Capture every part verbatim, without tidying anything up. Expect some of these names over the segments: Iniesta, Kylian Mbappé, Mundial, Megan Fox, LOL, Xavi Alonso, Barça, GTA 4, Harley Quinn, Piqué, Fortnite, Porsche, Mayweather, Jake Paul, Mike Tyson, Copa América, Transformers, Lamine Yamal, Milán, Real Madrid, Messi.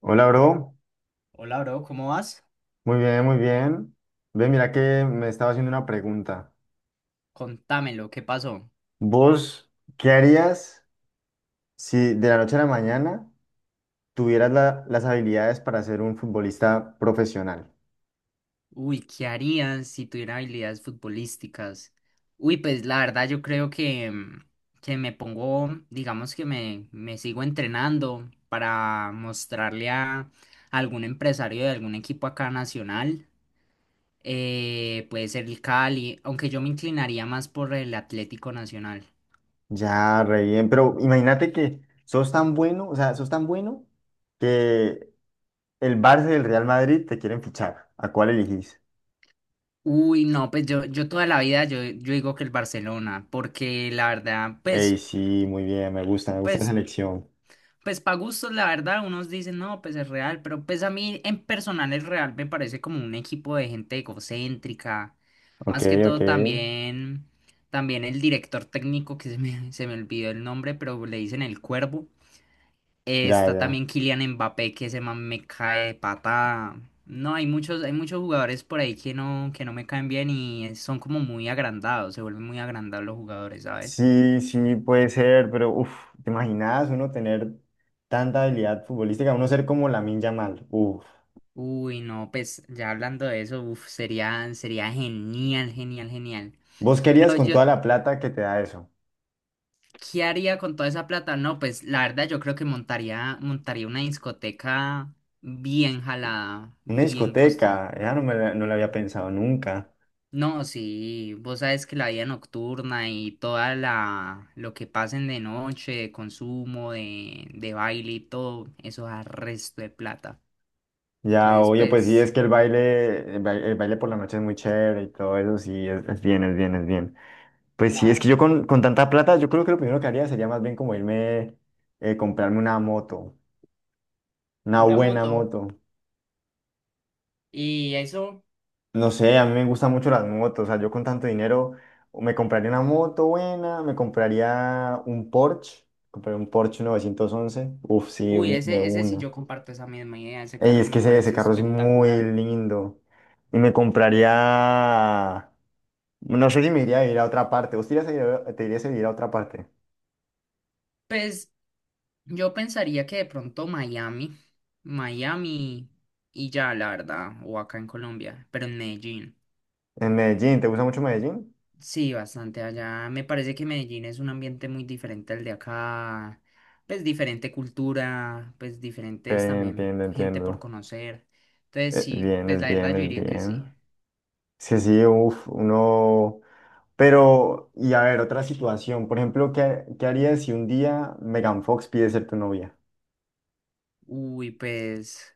Hola, bro. Hola, bro, ¿cómo vas? Muy bien, muy bien. Ve, mira que me estaba haciendo una pregunta. Contámelo, ¿qué pasó? ¿Vos qué harías si de la noche a la mañana tuvieras la- las habilidades para ser un futbolista profesional? Uy, ¿qué harían si tuvieran habilidades futbolísticas? Uy, pues la verdad yo creo que, mm, que me pongo, digamos que me, me sigo entrenando para mostrarle a algún empresario de algún equipo acá nacional. Eh, puede ser el Cali, aunque yo me inclinaría más por el Atlético Nacional. Ya, re bien, pero imagínate que sos tan bueno, o sea, sos tan bueno que el Barça y el Real Madrid te quieren fichar. ¿A cuál elegís? Uy, no, pues yo, yo toda la vida yo, yo digo que el Barcelona, porque la verdad, Ey, pues, sí, muy bien, me gusta, me gusta esa pues elección. Pues para gustos, la verdad, unos dicen, no, pues es real, pero pues a mí en personal es real me parece como un equipo de gente egocéntrica. Ok, Más que ok, todo también, también el director técnico, que se me, se me olvidó el nombre, pero le dicen el Cuervo. Eh, ya, Está ya. también Kylian Mbappé, que ese man me cae de patada. No, hay muchos, hay muchos jugadores por ahí que no, que no me caen bien y son como muy agrandados, se vuelven muy agrandados los jugadores, ¿sabes? Sí, sí, puede ser, pero uff, ¿te imaginas uno tener tanta habilidad futbolística? Uno ser como Lamine Yamal, uff. Uy, no, pues ya hablando de eso, uf, sería, sería genial, genial, genial. ¿Vos querías Pero con yo, toda la plata que te da eso? ¿qué haría con toda esa plata? No, pues la verdad yo creo que montaría, montaría una discoteca bien jalada, Una bien costosa. discoteca, ya no me la, no la había Sí. pensado nunca. No, sí, vos sabes que la vida nocturna y toda la, lo que pasen de noche, de consumo, de, de baile y todo, eso da resto de plata. Ya, Entonces, oye, pues pues sí, es que sí, el baile, el baile, el baile por la noche es muy chévere y todo eso, sí, es, es bien, es bien, es bien. Pues sí, es que claro, yo con, con tanta plata, yo creo que lo primero que haría sería más bien como irme, eh, comprarme una moto, una una buena moto. moto. Y eso, No sé, a mí me gustan mucho las motos. O sea, yo con tanto dinero o me compraría una moto buena, me compraría un Porsche, compraría un Porsche novecientos once. Uf, sí, uy, un- de ese, ese sí una. yo comparto esa misma idea, ese Ey, carro es me que ese, ese parece carro es muy espectacular. lindo. Y me compraría. No sé si me iría a vivir a otra parte. ¿Vos te irías a vivir a, te irías a vivir a otra parte? Pues yo pensaría que de pronto Miami, Miami y ya, la verdad, o acá en Colombia, pero en Medellín. En Medellín, ¿te gusta mucho Medellín? Sí, bastante allá. Me parece que Medellín es un ambiente muy diferente al de acá, pues diferente cultura, pues diferentes Bien, también entiendo, gente por entiendo. conocer. Entonces Eh, sí, Bien, pues es la verdad bien, yo es diría que sí. bien. Sí, sí, uf, uno. Pero, y a ver, otra situación. Por ejemplo, ¿qué, ¿qué harías si un día Megan Fox pide ser tu novia? Uy, pues,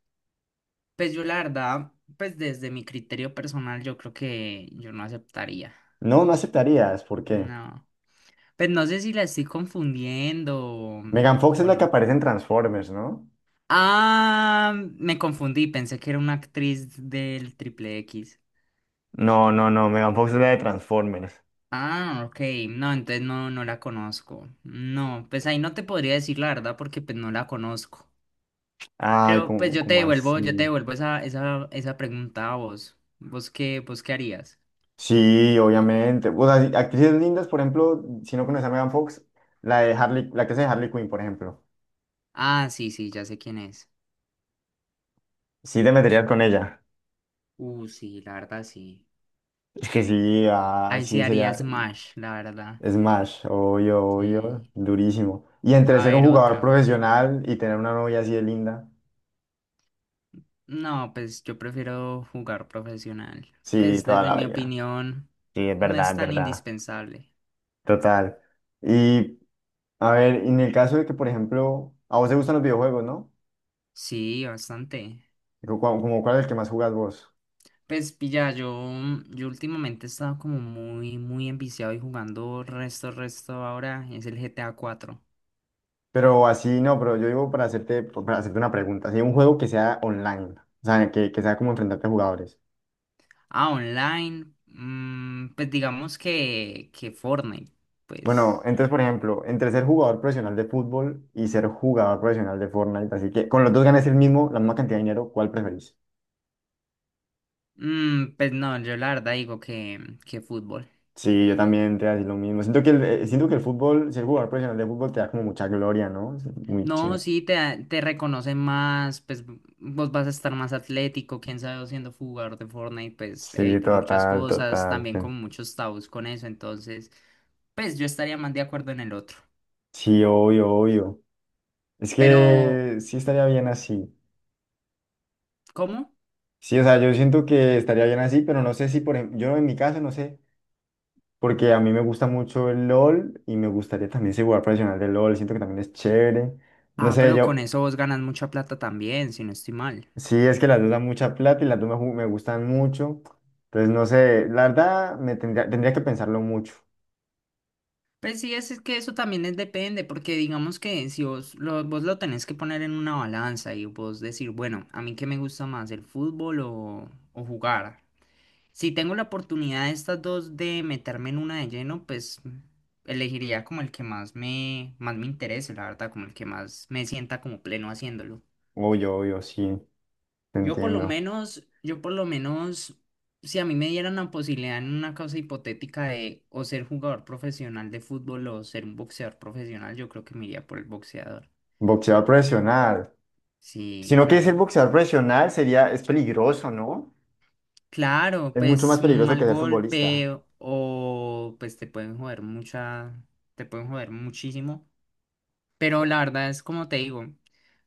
pues yo la verdad, pues desde mi criterio personal, yo creo que yo no aceptaría. No, no aceptarías. ¿Por qué? No. Pues no sé si la estoy confundiendo o, Megan Fox es o la que no. aparece en Transformers, ¿no? Ah, me confundí, pensé que era una actriz del Triple X. No, no, no, Megan Fox es la de Transformers. Ah, ok. No, entonces no, no la conozco. No, pues ahí no te podría decir la verdad porque pues no la conozco. Ay, Pero pues como, yo te como devuelvo, yo te así. devuelvo esa, esa, esa pregunta a vos. ¿Vos qué, vos qué harías? Sí, obviamente. O sea, sí, actrices lindas, por ejemplo, si no conoces a Megan Fox, la de Harley, la que hace de Harley Quinn, por ejemplo. Ah, sí, sí, ya sé quién es. Sí te meterías con ella. Uh, sí, la verdad sí. Es que sí, ah, Ahí sí sí haría sería. Smash, la verdad. Smash, obvio, obvio, Sí. durísimo. Y entre A ser un ver, jugador otra. profesional y tener una novia así de linda, No, pues yo prefiero jugar profesional. sí, Pues toda desde la mi vida. opinión, Sí, es no verdad, es es tan verdad. indispensable. Total. Y a ver, en el caso de que, por ejemplo, a vos te gustan los videojuegos, ¿no? Sí, bastante. Como, como cuál es el que más jugas vos. Pues pilla, yo, yo últimamente he estado como muy, muy enviciado y jugando resto, resto ahora. Es el G T A cuatro. Pero así no, pero yo digo para hacerte, para hacerte una pregunta, así un juego que sea online, o sea, que, que sea como enfrentarte a jugadores. Ah, online. Mm, pues digamos que, que Fortnite. Bueno, Pues, entonces, por ejemplo, entre ser jugador profesional de fútbol y ser jugador profesional de Fortnite, así que con los dos ganas el mismo, la misma cantidad de dinero, ¿cuál preferís? mm, pues no, yo la verdad digo que, que fútbol. Sí, yo también te decir lo mismo. Siento que el, eh, siento que el fútbol, ser jugador profesional de fútbol te da como mucha gloria, ¿no? Es muy No, chingo. sí, te, da- te reconocen más, pues vos vas a estar más atlético, quién sabe, vos siendo jugador de Fortnite, pues Sí, evitar muchas total, cosas, total. también con muchos tabús con eso, entonces, pues yo estaría más de acuerdo en el otro. Sí, obvio, obvio. Es Pero, que sí estaría bien así. ¿cómo? Sí, o sea, yo siento que estaría bien así, pero no sé si, por ejemplo, yo en mi caso no sé. Porque a mí me gusta mucho el LOL y me gustaría también ser jugador profesional de LOL, siento que también es chévere. No Ah, sé, pero con yo, eso vos ganas mucha plata también, si no estoy mal. sí, es que las dos dan mucha plata y las dos me, ju- me gustan mucho. Entonces, no sé, la verdad, me tendría, tendría que pensarlo mucho. Pues sí, es, es que eso también es depende, porque digamos que si vos lo, vos lo tenés que poner en una balanza y vos decir, bueno, a mí qué me gusta más, el fútbol o, o jugar. Si tengo la oportunidad de estas dos de meterme en una de lleno, pues elegiría como el que más me, más me interese, la verdad, como el que más me sienta como pleno haciéndolo. Obvio, obvio, sí, te Yo por lo entiendo. menos, yo por lo menos, Si a mí me dieran la posibilidad en una causa hipotética de o ser jugador profesional de fútbol o ser un boxeador profesional, yo creo que me iría por el boxeador. Boxeador profesional. Si Sí, no quieres ser claro. boxeador profesional, sería, es peligroso, ¿no? Claro, Es mucho más pues un peligroso que mal ser futbolista. golpe o pues te pueden joder mucha, te pueden joder muchísimo. Pero la verdad es como te digo,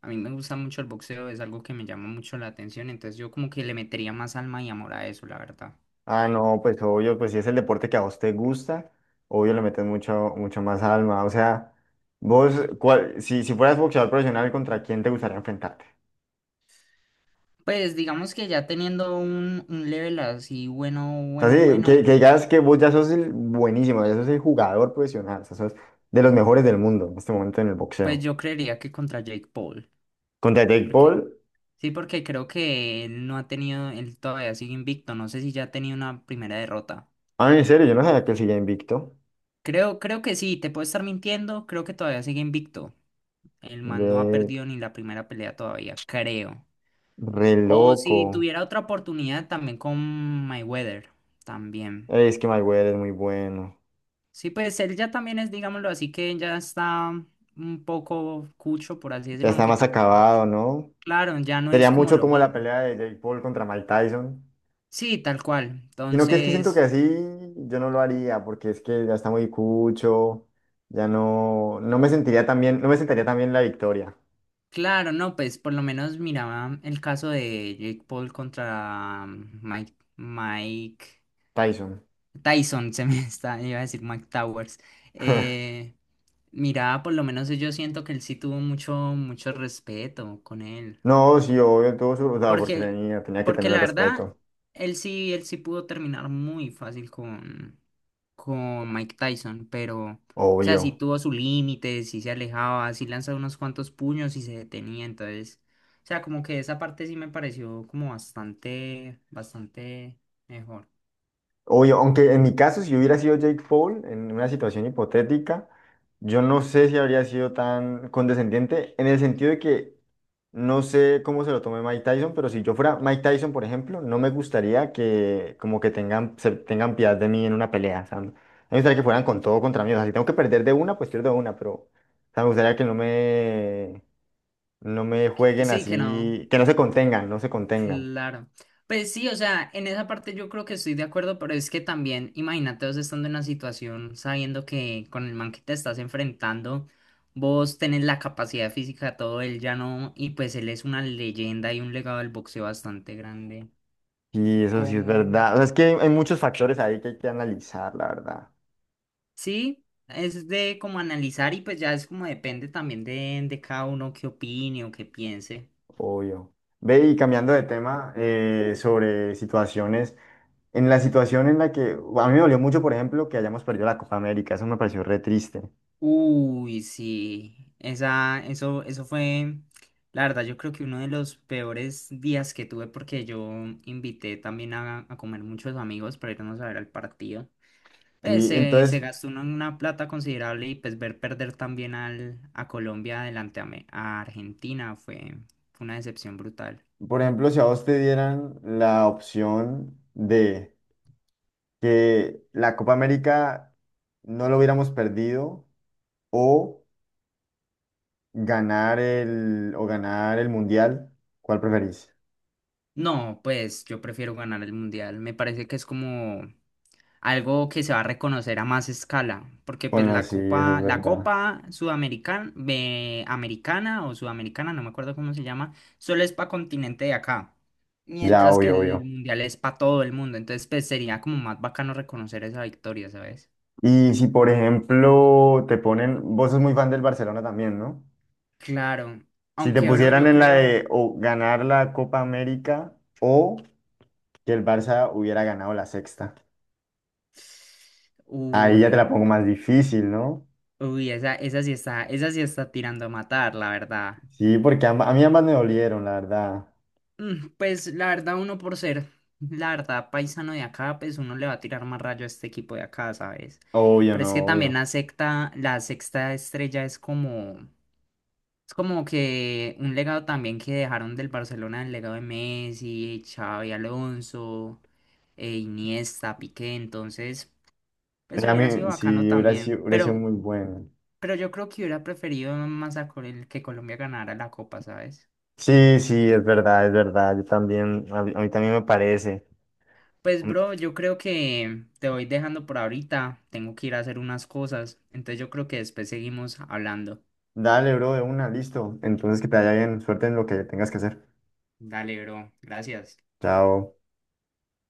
a mí me gusta mucho el boxeo, es algo que me llama mucho la atención, entonces yo como que le metería más alma y amor a eso, la verdad. Ah, no, pues obvio, pues si es el deporte que a vos te gusta, obvio le metes mucho, mucho más alma. O sea, vos, cuál, si, si fueras boxeador profesional, ¿contra quién te gustaría enfrentarte? Pues digamos que ya teniendo un, un level así bueno, O sea, bueno, sí, que, bueno, que digas que vos ya sos el buenísimo, ya sos el jugador profesional, o sea, sos de los mejores del mundo en este momento en el pues boxeo. yo creería que contra Jake Paul. Contra Jake ¿Por qué? Paul, Sí, porque creo que él no ha tenido, él todavía sigue invicto. No sé si ya ha tenido una primera derrota. ah, en serio, yo no sabía que él seguía invicto. Creo, creo que sí, te puedo estar mintiendo, creo que todavía sigue invicto. El man no ha De perdido ni la primera pelea todavía, creo. re O loco. si tuviera otra oportunidad también con Mayweather, también. Ey, es que Mayweather es muy bueno. Sí, pues él ya también es, digámoslo así, que ya está un poco cucho, por así Ya decirlo, está aunque más tampoco acabado, mucho. ¿no? Claro, ya no Sería es como mucho lo como la mismo. pelea de Jake Paul contra Mike Tyson. Sí, tal cual. Sino que es que siento que Entonces, así yo no lo haría, porque es que ya está muy cucho, ya no, no me sentiría tan bien, no me sentaría tan bien la victoria, claro, no, pues por lo menos miraba el caso de Jake Paul contra Mike, Mike Tyson. Tyson, se me está, iba a decir Mike Towers. Eh, Miraba, por lo menos yo siento que él sí tuvo mucho, mucho respeto con él. No, sí, obvio, tuvo su, o sea, porque Porque, tenía, tenía que porque tener el la verdad, respeto, él sí, él sí pudo terminar muy fácil con, con Mike Tyson, pero, o sea, sí obvio. tuvo su límite, sí se alejaba, sí lanzaba unos cuantos puños y se detenía, entonces, o sea, como que esa parte sí me pareció como bastante, bastante mejor. Obvio, aunque en mi caso, si yo hubiera sido Jake Paul, en una situación hipotética, yo no sé si habría sido tan condescendiente, en el sentido de que no sé cómo se lo tome Mike Tyson, pero si yo fuera Mike Tyson, por ejemplo, no me gustaría que como que tengan, se tengan piedad de mí en una pelea. O sea, no- me gustaría que fueran con todo contra mí. O sea, si tengo que perder de una, pues pierdo de una, pero o sea, me gustaría que no me, no me Que- jueguen Sí, que no. así, que no se contengan, no se contengan. Claro. Pues sí, o sea, en esa parte yo creo que estoy de acuerdo, pero es que también, imagínate vos estando en una situación sabiendo que con el man que te estás enfrentando, vos tenés la capacidad física, todo él ya no, y pues él es una leyenda y un legado del boxeo bastante grande. Sí, eso sí es Como, verdad. O sea, es que hay, hay muchos factores ahí que hay que analizar, la verdad. sí, es de como analizar y pues ya es como depende también de, de cada uno qué opine o qué piense. Obvio. Ve y cambiando de tema, eh, sobre situaciones. En la situación en la que a mí me dolió mucho, por ejemplo, que hayamos perdido la Copa América. Eso me pareció re triste. Uy, sí, esa, eso, eso fue, la verdad, yo creo que uno de los peores días que tuve porque yo invité también a, a comer muchos amigos para irnos a ver al partido. Pues Sí, se, se entonces, gastó uno una plata considerable y pues ver perder también al, a Colombia delante a, Me- a Argentina fue, fue una decepción brutal. por ejemplo, si a vos te dieran la opción de que la Copa América no lo hubiéramos perdido o ganar el, o ganar el Mundial, ¿cuál preferís? No, pues yo prefiero ganar el mundial. Me parece que es como algo que se va a reconocer a más escala, porque pues Bueno, la sí, eso es copa, la verdad. copa sudamericana, americana o sudamericana, no me acuerdo cómo se llama, solo es para continente de acá, Ya, mientras que obvio, el obvio. mundial es para todo el mundo, entonces pues sería como más bacano reconocer esa victoria, ¿sabes? Y si, por ejemplo, te ponen, vos sos muy fan del Barcelona también, ¿no? Claro, Si te aunque bro, pusieran yo en la creo, de o ganar la Copa América o que el Barça hubiera ganado la sexta. Ahí ya te la uy, pongo más difícil, ¿no? uy, esa, esa sí está, esa sí está tirando a matar, la verdad. Sí, porque amba- a mí ambas me dolieron, la verdad. Mm, pues la verdad, uno por ser, la verdad, paisano de acá, pues uno le va a tirar más rayo a este equipo de acá, ¿sabes? Obvio, Pero es no, que también obvio. la secta, la sexta estrella es como, es como que un legado también que dejaron del Barcelona, el legado de Messi, Xavi Alonso, eh, Iniesta, Piqué, entonces, pues A hubiera sido mí sí, bacano hubiera también. sido, hubiera sido Pero, muy bueno. pero yo creo que hubiera preferido más a Col- que Colombia ganara la Copa, ¿sabes? Sí, sí, es verdad, es verdad. Yo también, a mí, a mí también me parece. Pues Mm, bro, yo creo que te voy dejando por ahorita. Tengo que ir a hacer unas cosas. Entonces yo creo que después seguimos hablando. dale, bro, de una, listo. Entonces que te vaya bien. Suerte en lo que tengas que hacer. Dale, bro. Gracias. Chao.